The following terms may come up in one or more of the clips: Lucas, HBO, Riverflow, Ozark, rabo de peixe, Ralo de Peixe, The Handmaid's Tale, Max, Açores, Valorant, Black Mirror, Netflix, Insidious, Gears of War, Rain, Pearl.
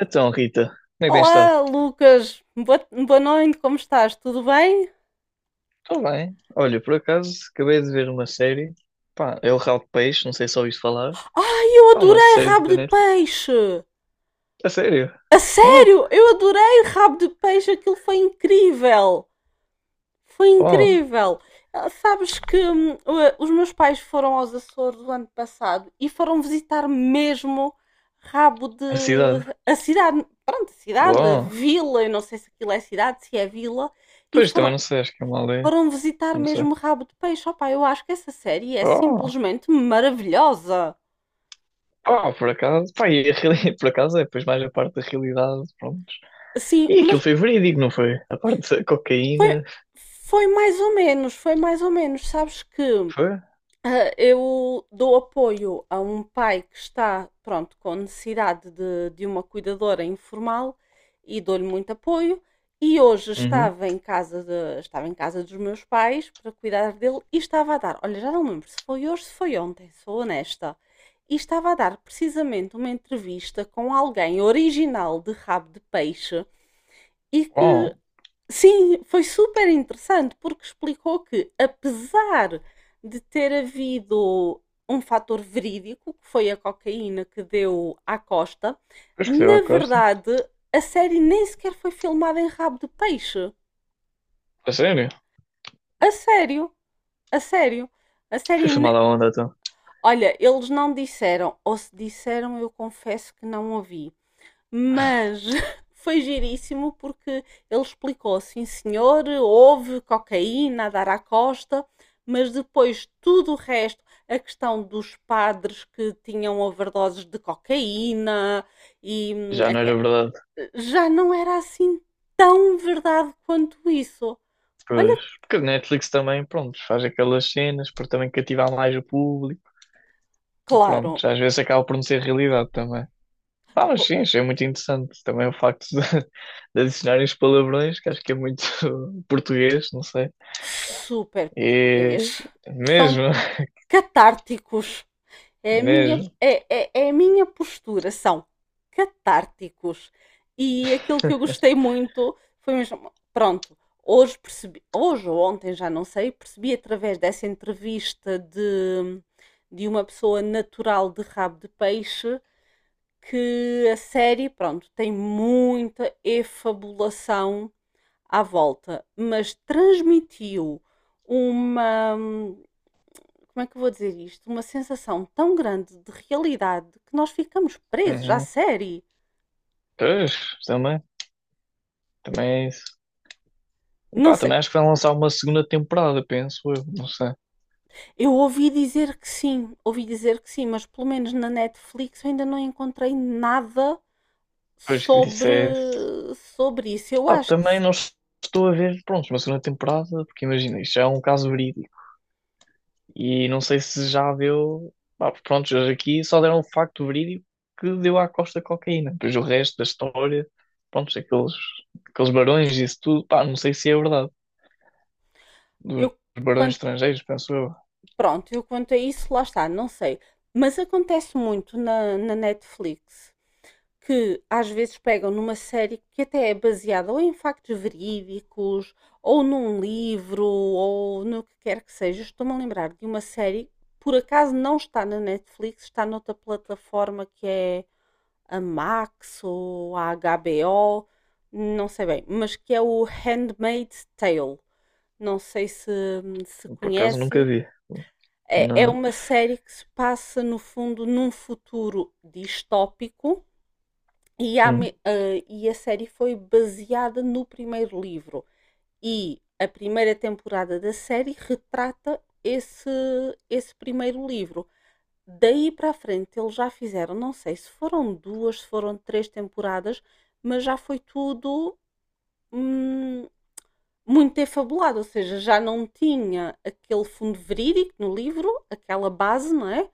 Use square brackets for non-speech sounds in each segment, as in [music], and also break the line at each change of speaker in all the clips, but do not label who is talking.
Então, Rita, como é que tens estado?
Olá, Lucas. Boa noite, como estás? Tudo bem?
Estou bem. Olha, por acaso, acabei de ver uma série. Pá, é o Ralo de Peixe, não sei se ouviste falar.
Ai, eu
Pá, uma
adorei
série
rabo
da
de
Netflix.
peixe!
A sério?
A
Oh,
sério, eu adorei rabo de peixe, aquilo foi incrível! Foi
oh,
incrível! Ah, sabes que os meus pais foram aos Açores o ano passado e foram visitar mesmo rabo de
a cidade.
a cidade, pronto, a cidade, a
Bom.
vila, eu não sei se aquilo é cidade, se é vila. e
Pois, também
foram,
não sei, acho que é uma aldeia.
Foram visitar
Não sei.
mesmo o rabo de peixe. Opá, eu acho que essa série é
Oh,
simplesmente maravilhosa.
oh, por acaso. Pá, [laughs] por acaso é depois mais a parte da realidade, pronto.
Assim,
E aquilo
mas
foi verídico, não foi? A parte da
foi,
cocaína,
foi mais ou menos, foi mais ou menos. Sabes que.
foi?
Ah, eu dou apoio a um pai que está, pronto, com necessidade de uma cuidadora informal e dou-lhe muito apoio. E hoje
Uhum.
estava em casa dos meus pais para cuidar dele e estava a dar, olha, já não me lembro se foi hoje, se foi ontem, sou honesta. E estava a dar precisamente uma entrevista com alguém original de rabo de peixe. E que
Oh,
Sim, foi super interessante porque explicou que, apesar de ter havido um fator verídico, que foi a cocaína que deu à Costa,
pois que deu à
na
costa.
verdade a série nem sequer foi filmada em rabo de peixe.
A sério?
A sério, a sério, a
Foi
série.
filmada a onda, então.
Olha, eles não disseram, ou se disseram, eu confesso que não ouvi. Mas [laughs] foi giríssimo porque ele explicou: sim, senhor, houve cocaína a dar à costa, mas depois tudo o resto, a questão dos padres que tinham overdoses de cocaína e
Já não era verdade.
já não era assim tão verdade quanto isso.
Pois,
Olha,
porque a Netflix também, pronto, faz aquelas cenas para também cativar mais o público e pronto,
claro,
já às vezes acaba por não ser realidade também. Ah, mas sim, achei muito interessante também o facto de, [laughs] de adicionarem os palavrões, que acho que é muito [laughs] português, não sei.
super
E
português. São
mesmo,
catárticos.
[laughs]
É a minha,
mesmo.
é, é, é a minha postura, são catárticos. E aquilo que eu gostei muito foi mesmo, pronto, hoje percebi, hoje ou ontem, já não sei, percebi através dessa entrevista de uma pessoa natural de rabo de peixe que a série, pronto, tem muita efabulação à volta, mas transmitiu uma, como é que eu vou dizer isto? Uma sensação tão grande de realidade que nós ficamos presos à
Uhum.
série.
Pois, também, também é isso. E
Não
pá,
sei.
também acho que vai lançar uma segunda temporada, penso eu, não sei.
Eu ouvi dizer que sim, ouvi dizer que sim, mas pelo menos na Netflix eu ainda não encontrei nada
Pois que isso
sobre,
é.
sobre isso. Eu
Pá,
acho que
também não estou a ver, pronto, uma segunda temporada, porque imagina, isto já é um caso verídico. E não sei se já deu. Pá, pronto, eles aqui só deram o facto verídico que deu à Costa cocaína. Depois o resto da história, pronto, aqueles barões e isso tudo, pá, não sei se é verdade. Dos
eu
barões
quanto,
estrangeiros, penso eu.
pronto, eu quanto a isso, lá está, não sei. Mas acontece muito na Netflix, que às vezes pegam numa série que até é baseada ou em factos verídicos, ou num livro, ou no que quer que seja. Estou-me a lembrar de uma série, por acaso não está na Netflix, está noutra plataforma que é a Max ou a HBO, não sei bem, mas que é o Handmaid's Tale. Não sei se,
Por acaso nunca
conheces.
vi.
É
Não.
uma série que se passa, no fundo, num futuro distópico
Hum.
e a série foi baseada no primeiro livro. E a primeira temporada da série retrata esse primeiro livro. Daí para a frente eles já fizeram, não sei se foram duas, se foram três temporadas, mas já foi tudo hum, muito defabulado, ou seja, já não tinha aquele fundo verídico no livro, aquela base, não é?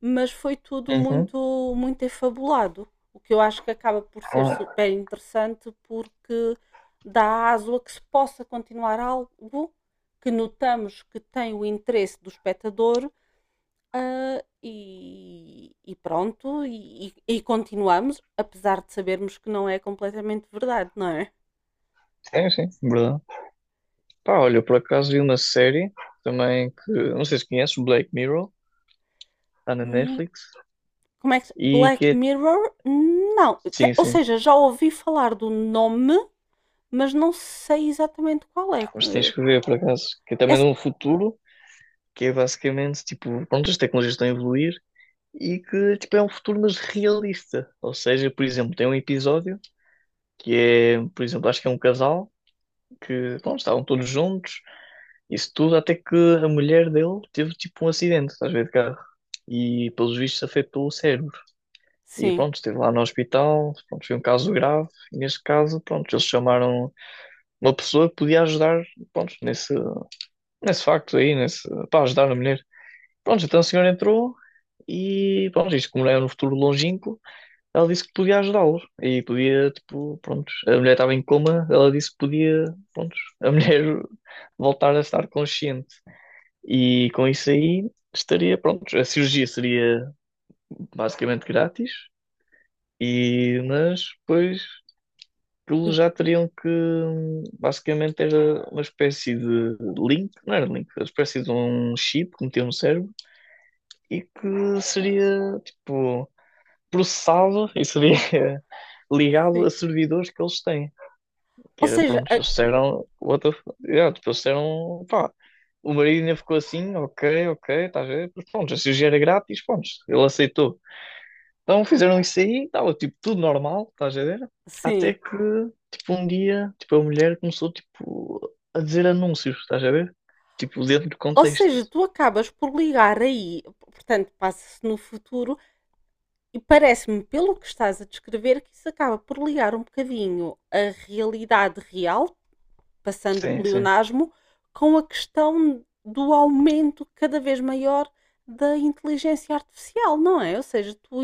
Mas foi tudo
Uhum.
muito, muito defabulado, o que eu acho que acaba por ser
Ah,
super interessante porque dá aso a que se possa continuar algo que notamos que tem o interesse do espectador e pronto, e continuamos, apesar de sabermos que não é completamente verdade, não é?
sim, sim, verdade. Pá, olha, eu por acaso vi uma série também que, não sei se conheces, Black Mirror, está na Netflix,
Como é que.
e que
Black
é.
Mirror? Não.
Sim,
Ou
sim,
seja, já ouvi falar do nome, mas não sei exatamente qual é.
mas tens que ver por acaso, que é
É-
também de um futuro. Que é basicamente, tipo, pronto, as tecnologias estão a evoluir e que, tipo, é um futuro mas realista. Ou seja, por exemplo, tem um episódio que é, por exemplo, acho que é um casal que, pronto, estavam todos juntos, isso tudo, até que a mulher dele teve, tipo, um acidente, estás a ver, de carro. E, pelos vistos, afetou o cérebro. E,
Sim.
pronto, esteve lá no hospital, pronto, foi um caso grave. E, neste caso, pronto, eles chamaram uma pessoa que podia ajudar, pronto, nesse facto aí, para ajudar a mulher. Pronto, então a senhora entrou e, pronto, isto como não é no futuro longínquo, ela disse que podia ajudá-los. E podia, tipo, pronto, a mulher estava em coma, ela disse que podia, pronto, a [laughs] mulher voltar a estar consciente. E com isso aí estaria, pronto, a cirurgia seria basicamente grátis, e, mas depois aquilo já teriam que, basicamente era uma espécie de link, não era link, uma espécie de um chip que metiam no cérebro e que seria, tipo processado e seria [laughs] ligado
Sim.
a servidores que eles têm. Que
Ou
era,
seja,
pronto, eles disseram, yeah, tipo, eles disseram, pá, o marido ainda ficou assim, ok, ok, estás a ver? Mas pronto, se o dinheiro era grátis, pronto, ele aceitou. Então fizeram isso aí, estava tipo tudo normal, estás a ver? Até
sim.
que, tipo, um dia, tipo, a mulher começou, tipo, a dizer anúncios, estás a ver? Tipo, dentro do
Ou
contexto.
seja, tu acabas por ligar aí, portanto, passa-se no futuro, e parece-me, pelo que estás a descrever, que isso acaba por ligar um bocadinho a realidade real, passando o
Sim, sim.
pleonasmo, com a questão do aumento cada vez maior da inteligência artificial, não é? Ou seja,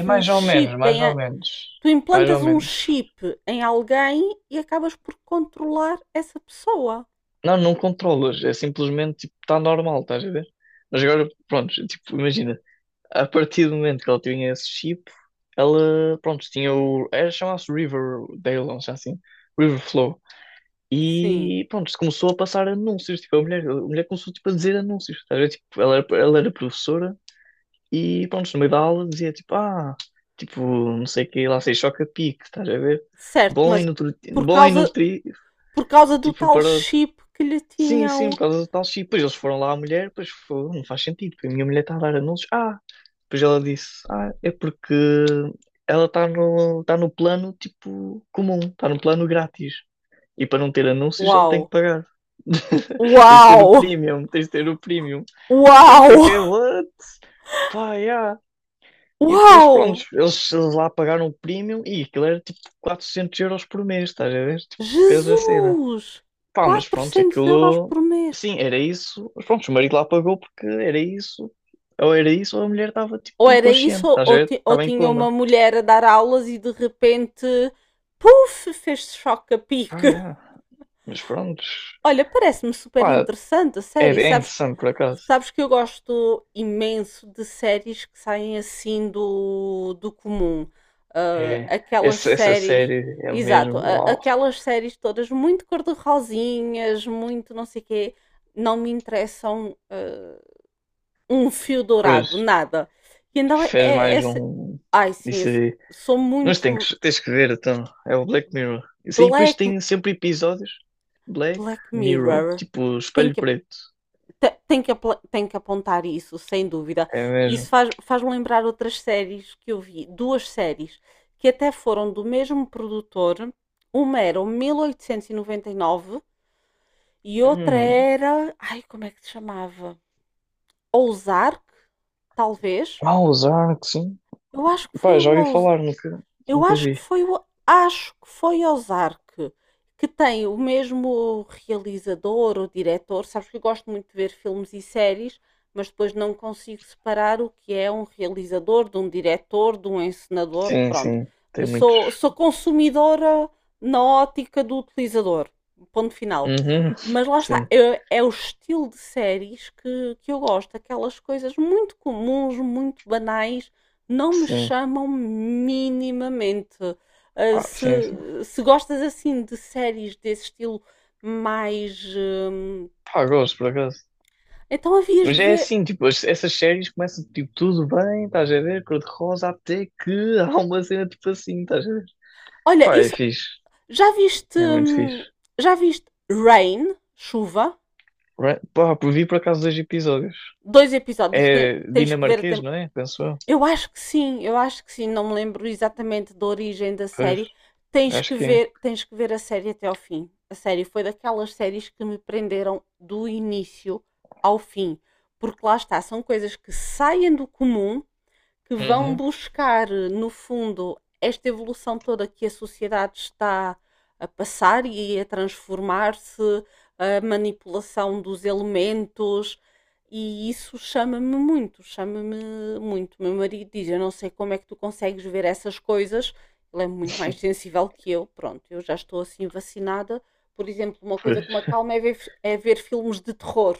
É
um
mais ou menos, mais ou menos.
tu
Mais ou
implantas um
menos.
chip em alguém e acabas por controlar essa pessoa.
Não, não controlas, é simplesmente tipo, está normal, estás a ver? Mas agora, pronto, tipo, imagina, a partir do momento que ela tinha esse chip, ela, pronto, tinha o. Era chamava-se Riverdale, não sei assim, Riverflow.
Sim,
E pronto, começou a passar anúncios, tipo, a mulher começou tipo, a dizer anúncios, estás a ver? Tipo, ela era professora e pronto, no meio da aula dizia tipo, ah, tipo, não sei o que, lá sei, choca-pique, estás a ver?
certo,
Bom e
mas
nutri...
por
bom e
causa
nutri,
por causa do
tipo,
tal
para
chip que lhe
sim, sim, por
tinham.
causa do tal chip. Depois eles foram lá à mulher, pois foi, não faz sentido, porque a minha mulher está a dar anúncios. Ah, depois ela disse, ah, é porque ela está no, tá no plano tipo comum, está no plano grátis. E para não ter anúncios ela tem que
Uau!
pagar. Tens de ter
Uau!
o premium, tens de ter o premium. Eu
Uau!
fiquei, what? Pá, yeah. E depois, pronto,
Uau!
eles lá pagaram o premium e aquilo era tipo 400 euros por mês, estás a ver? Tipo, cada cena.
Jesus!
Pá, mas pronto,
400 euros
aquilo.
por mês.
Sim, era isso. Mas pronto, o marido lá pagou porque era isso. Ou era isso, ou a mulher estava
Ou
tipo
era isso,
inconsciente, estás a
ou,
ver?
ti- ou
Estava em
tinha uma
coma.
mulher a dar aulas e de repente, puf, fez choque a
Pá,
pique.
é.
[laughs]
Mas pronto.
Olha, parece-me super
Pá,
interessante a
é,
série.
é
Sabes, que-
interessante por acaso.
sabes que eu gosto imenso de séries que saem assim do comum. Ah,
É.
aquelas
Essa
séries,
série é mesmo.
exato,
Uau.
aquelas séries todas muito cor-de-rosinhas, muito não sei quê, não me interessam. Ah, um fio
Pois,
dourado, nada. E então é,
fez
é
mais
essa.
um.
Ai sim, eu
Isso aí.
sou
Mas
muito.
tens que ver, então. É o Black Mirror. Isso aí depois
Black,
tem sempre episódios. Black
Black
Mirror.
Mirror,
Tipo,
tem
espelho
que,
preto.
tem, que, tem que apontar isso, sem dúvida.
É
Isso
mesmo.
faz-me lembrar outras séries que eu vi, duas séries, que até foram do mesmo produtor. Uma era o mil oitocentos e noventa e nove e outra
Hum.
era. Ai, como é que se chamava? Ozark, talvez.
Ah, os arcos. Sim.
Eu acho que foi
Pá,
o
já ouvi falar,
Eu
nunca
acho que
vi.
foi o acho que foi Ozark, que tem o mesmo realizador ou diretor. Sabes que eu gosto muito de ver filmes e séries, mas depois não consigo separar o que é um realizador, de um diretor, de um encenador.
Sim,
Pronto,
sim, tem
sou,
muitos.
sou consumidora na ótica do utilizador. Ponto final.
Uhum.
Mas lá está,
Sim,
é o estilo de séries que eu gosto, aquelas coisas muito comuns, muito banais, não me
sim,
chamam minimamente. Ah, se,
sim, sim.
se gostas assim de séries desse estilo mais.
Pá, gosto, por acaso.
Então havias
Mas
de
é
ver.
assim, tipo, essas séries começam, tipo, tudo bem, estás a ver, cor-de-rosa, até que [laughs] há uma cena, tipo, assim, estás a ver.
Olha,
Pá, é
isso.
fixe,
Já viste.
é muito fixe.
Já viste Rain, chuva?
Vi por acaso dois episódios.
Dois episódios. Ten-
É
tens que ver
dinamarquês,
até.
não é? Penso eu.
Eu acho que sim, eu acho que sim, não me lembro exatamente da origem da
Pois,
série. Tens
acho
que
que é.
ver, tens que ver a série até ao fim. A série foi daquelas séries que me prenderam do início ao fim, porque lá está, são coisas que saem do comum que vão
Uhum.
buscar, no fundo, esta evolução toda que a sociedade está a passar e a transformar-se, a manipulação dos elementos, e isso chama-me muito, chama-me muito. Meu marido diz: eu não sei como é que tu consegues ver essas coisas. Ele é muito mais sensível que eu. Pronto, eu já estou assim vacinada. Por exemplo, uma coisa
Pois.
que me acalma é ver, filmes de terror.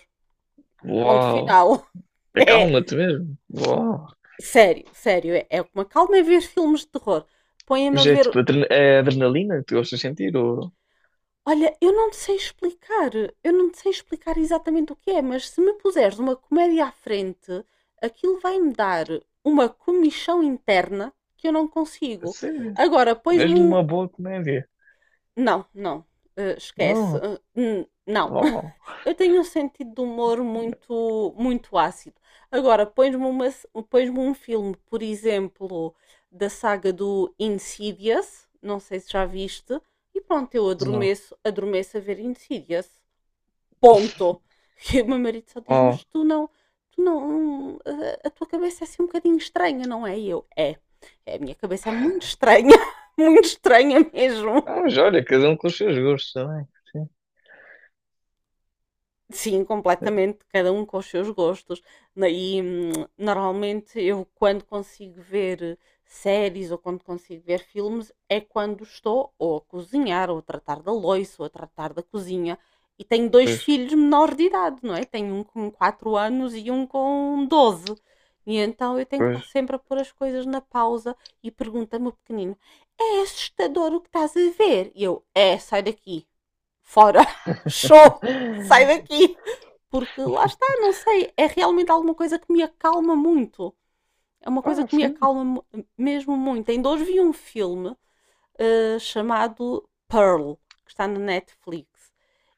Ponto
Uau.
final. [laughs] É,
Acalma-te mesmo. Uau.
sério, sério, é uma calma é ver filmes de terror. Põem-me a
Mas é
ver.
tipo é adrenalina que tu gostas de sentir? Ou...
Olha, eu não te sei explicar, eu não te sei explicar exatamente o que é, mas se me puseres uma comédia à frente, aquilo vai-me dar uma comichão interna que eu não
A
consigo.
sério?
Agora, pões-me
Mesmo
um.
uma boa comédia?
Não, não, esquece,
Não.
não.
Oh,
[laughs] Eu tenho um sentido de humor muito, muito ácido. Agora, pões-me um filme, por exemplo, da saga do Insidious, não sei se já viste, e pronto, eu
não.
adormeço, a ver Insidious. Ponto. [laughs] E o meu marido só diz, mas
Oh.
tu não, a tua cabeça é assim um bocadinho estranha, não é? E eu, é, a minha cabeça é muito estranha, [laughs] muito estranha mesmo.
Não, mas olha, cada um com os seus gostos também. Sim.
Sim,
É,
completamente, cada um com os seus gostos. E normalmente eu, quando consigo ver séries ou quando consigo ver filmes, é quando estou ou a cozinhar, ou a tratar da loiça, ou a tratar da cozinha. E tenho dois
pois,
filhos menores de idade, não é? Tenho um com 4 anos e um com 12. E então eu tenho que estar
pois.
sempre a pôr as coisas na pausa e pergunta-me o pequenino: é assustador o que estás a ver? E eu: é, sai daqui fora, [laughs] show, sai
[laughs]
daqui. Porque lá está, não sei, é realmente alguma coisa que me acalma muito. É uma coisa
Pá,
que me
sim.
acalma mesmo muito. Ainda hoje vi um filme chamado Pearl, que está na Netflix,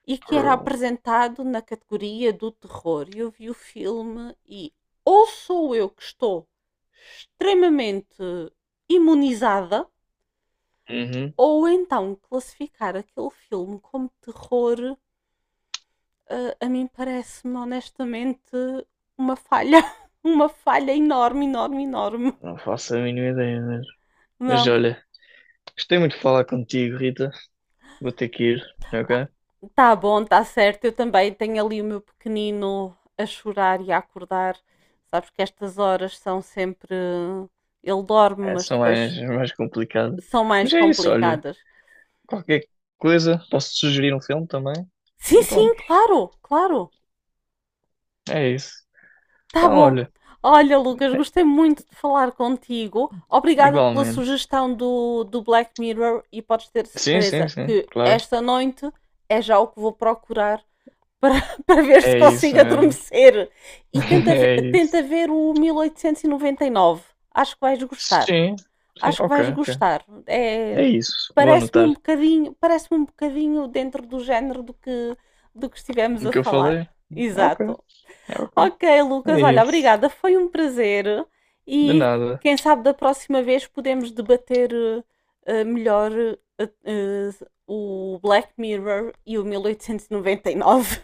e que era
Por-
apresentado na categoria do terror. E eu vi o filme e ou sou eu que estou extremamente imunizada,
Uhum.
ou então classificar aquele filme como terror. Ah, a mim parece-me honestamente uma falha, [laughs] uma falha enorme, enorme, enorme.
Não faço a mínima ideia mesmo. Mas
Não,
olha, gostei muito de falar contigo, Rita. Vou ter que ir,
ah,
ok?
tá bom, tá certo. Eu também tenho ali o meu pequenino a chorar e a acordar. Sabes que estas horas são sempre. Ele dorme,
É,
mas
são
depois
mais complicado.
são
Mas
mais
é isso, olha.
complicadas.
Qualquer coisa, posso sugerir um filme também.
Sim,
E
sim,
pronto,
claro, claro.
é isso.
Tá
Então,
bom.
olha,
Olha, Lucas, gostei muito de falar contigo. Obrigada pela
igualmente.
sugestão do, Black Mirror e podes ter
Sim, sim,
certeza
sim,
que
claro.
esta noite é já o que vou procurar para, [laughs] para ver se
É isso
consigo
mesmo.
adormecer. E
[laughs] É isso.
tenta ver o mil oitocentos e noventa e nove. Acho que vais gostar.
Sim, sim,
Acho que vais
ok, ok.
gostar.
É
É,
isso. Vou anotar
parece-me um bocadinho dentro do género do que, estivemos
o
a
que eu
falar.
falei. Ok,
Exato.
ok.
Ok,
É
Lucas, olha,
isso.
obrigada, foi um prazer
De
e
nada.
quem sabe da próxima vez podemos debater melhor eh, o Black Mirror e o 1899.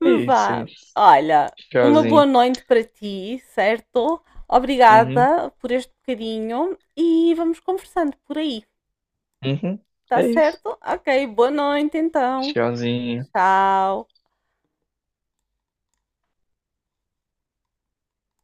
É
[laughs]
isso, é
Vá,
isso.
olha, uma boa
Tchauzinho.
noite para ti, certo?
Uhum,
Obrigada por este bocadinho e vamos conversando por aí,
uhum.
tá
É isso.
certo? Ok, boa noite então.
Tchauzinho.
Tchau.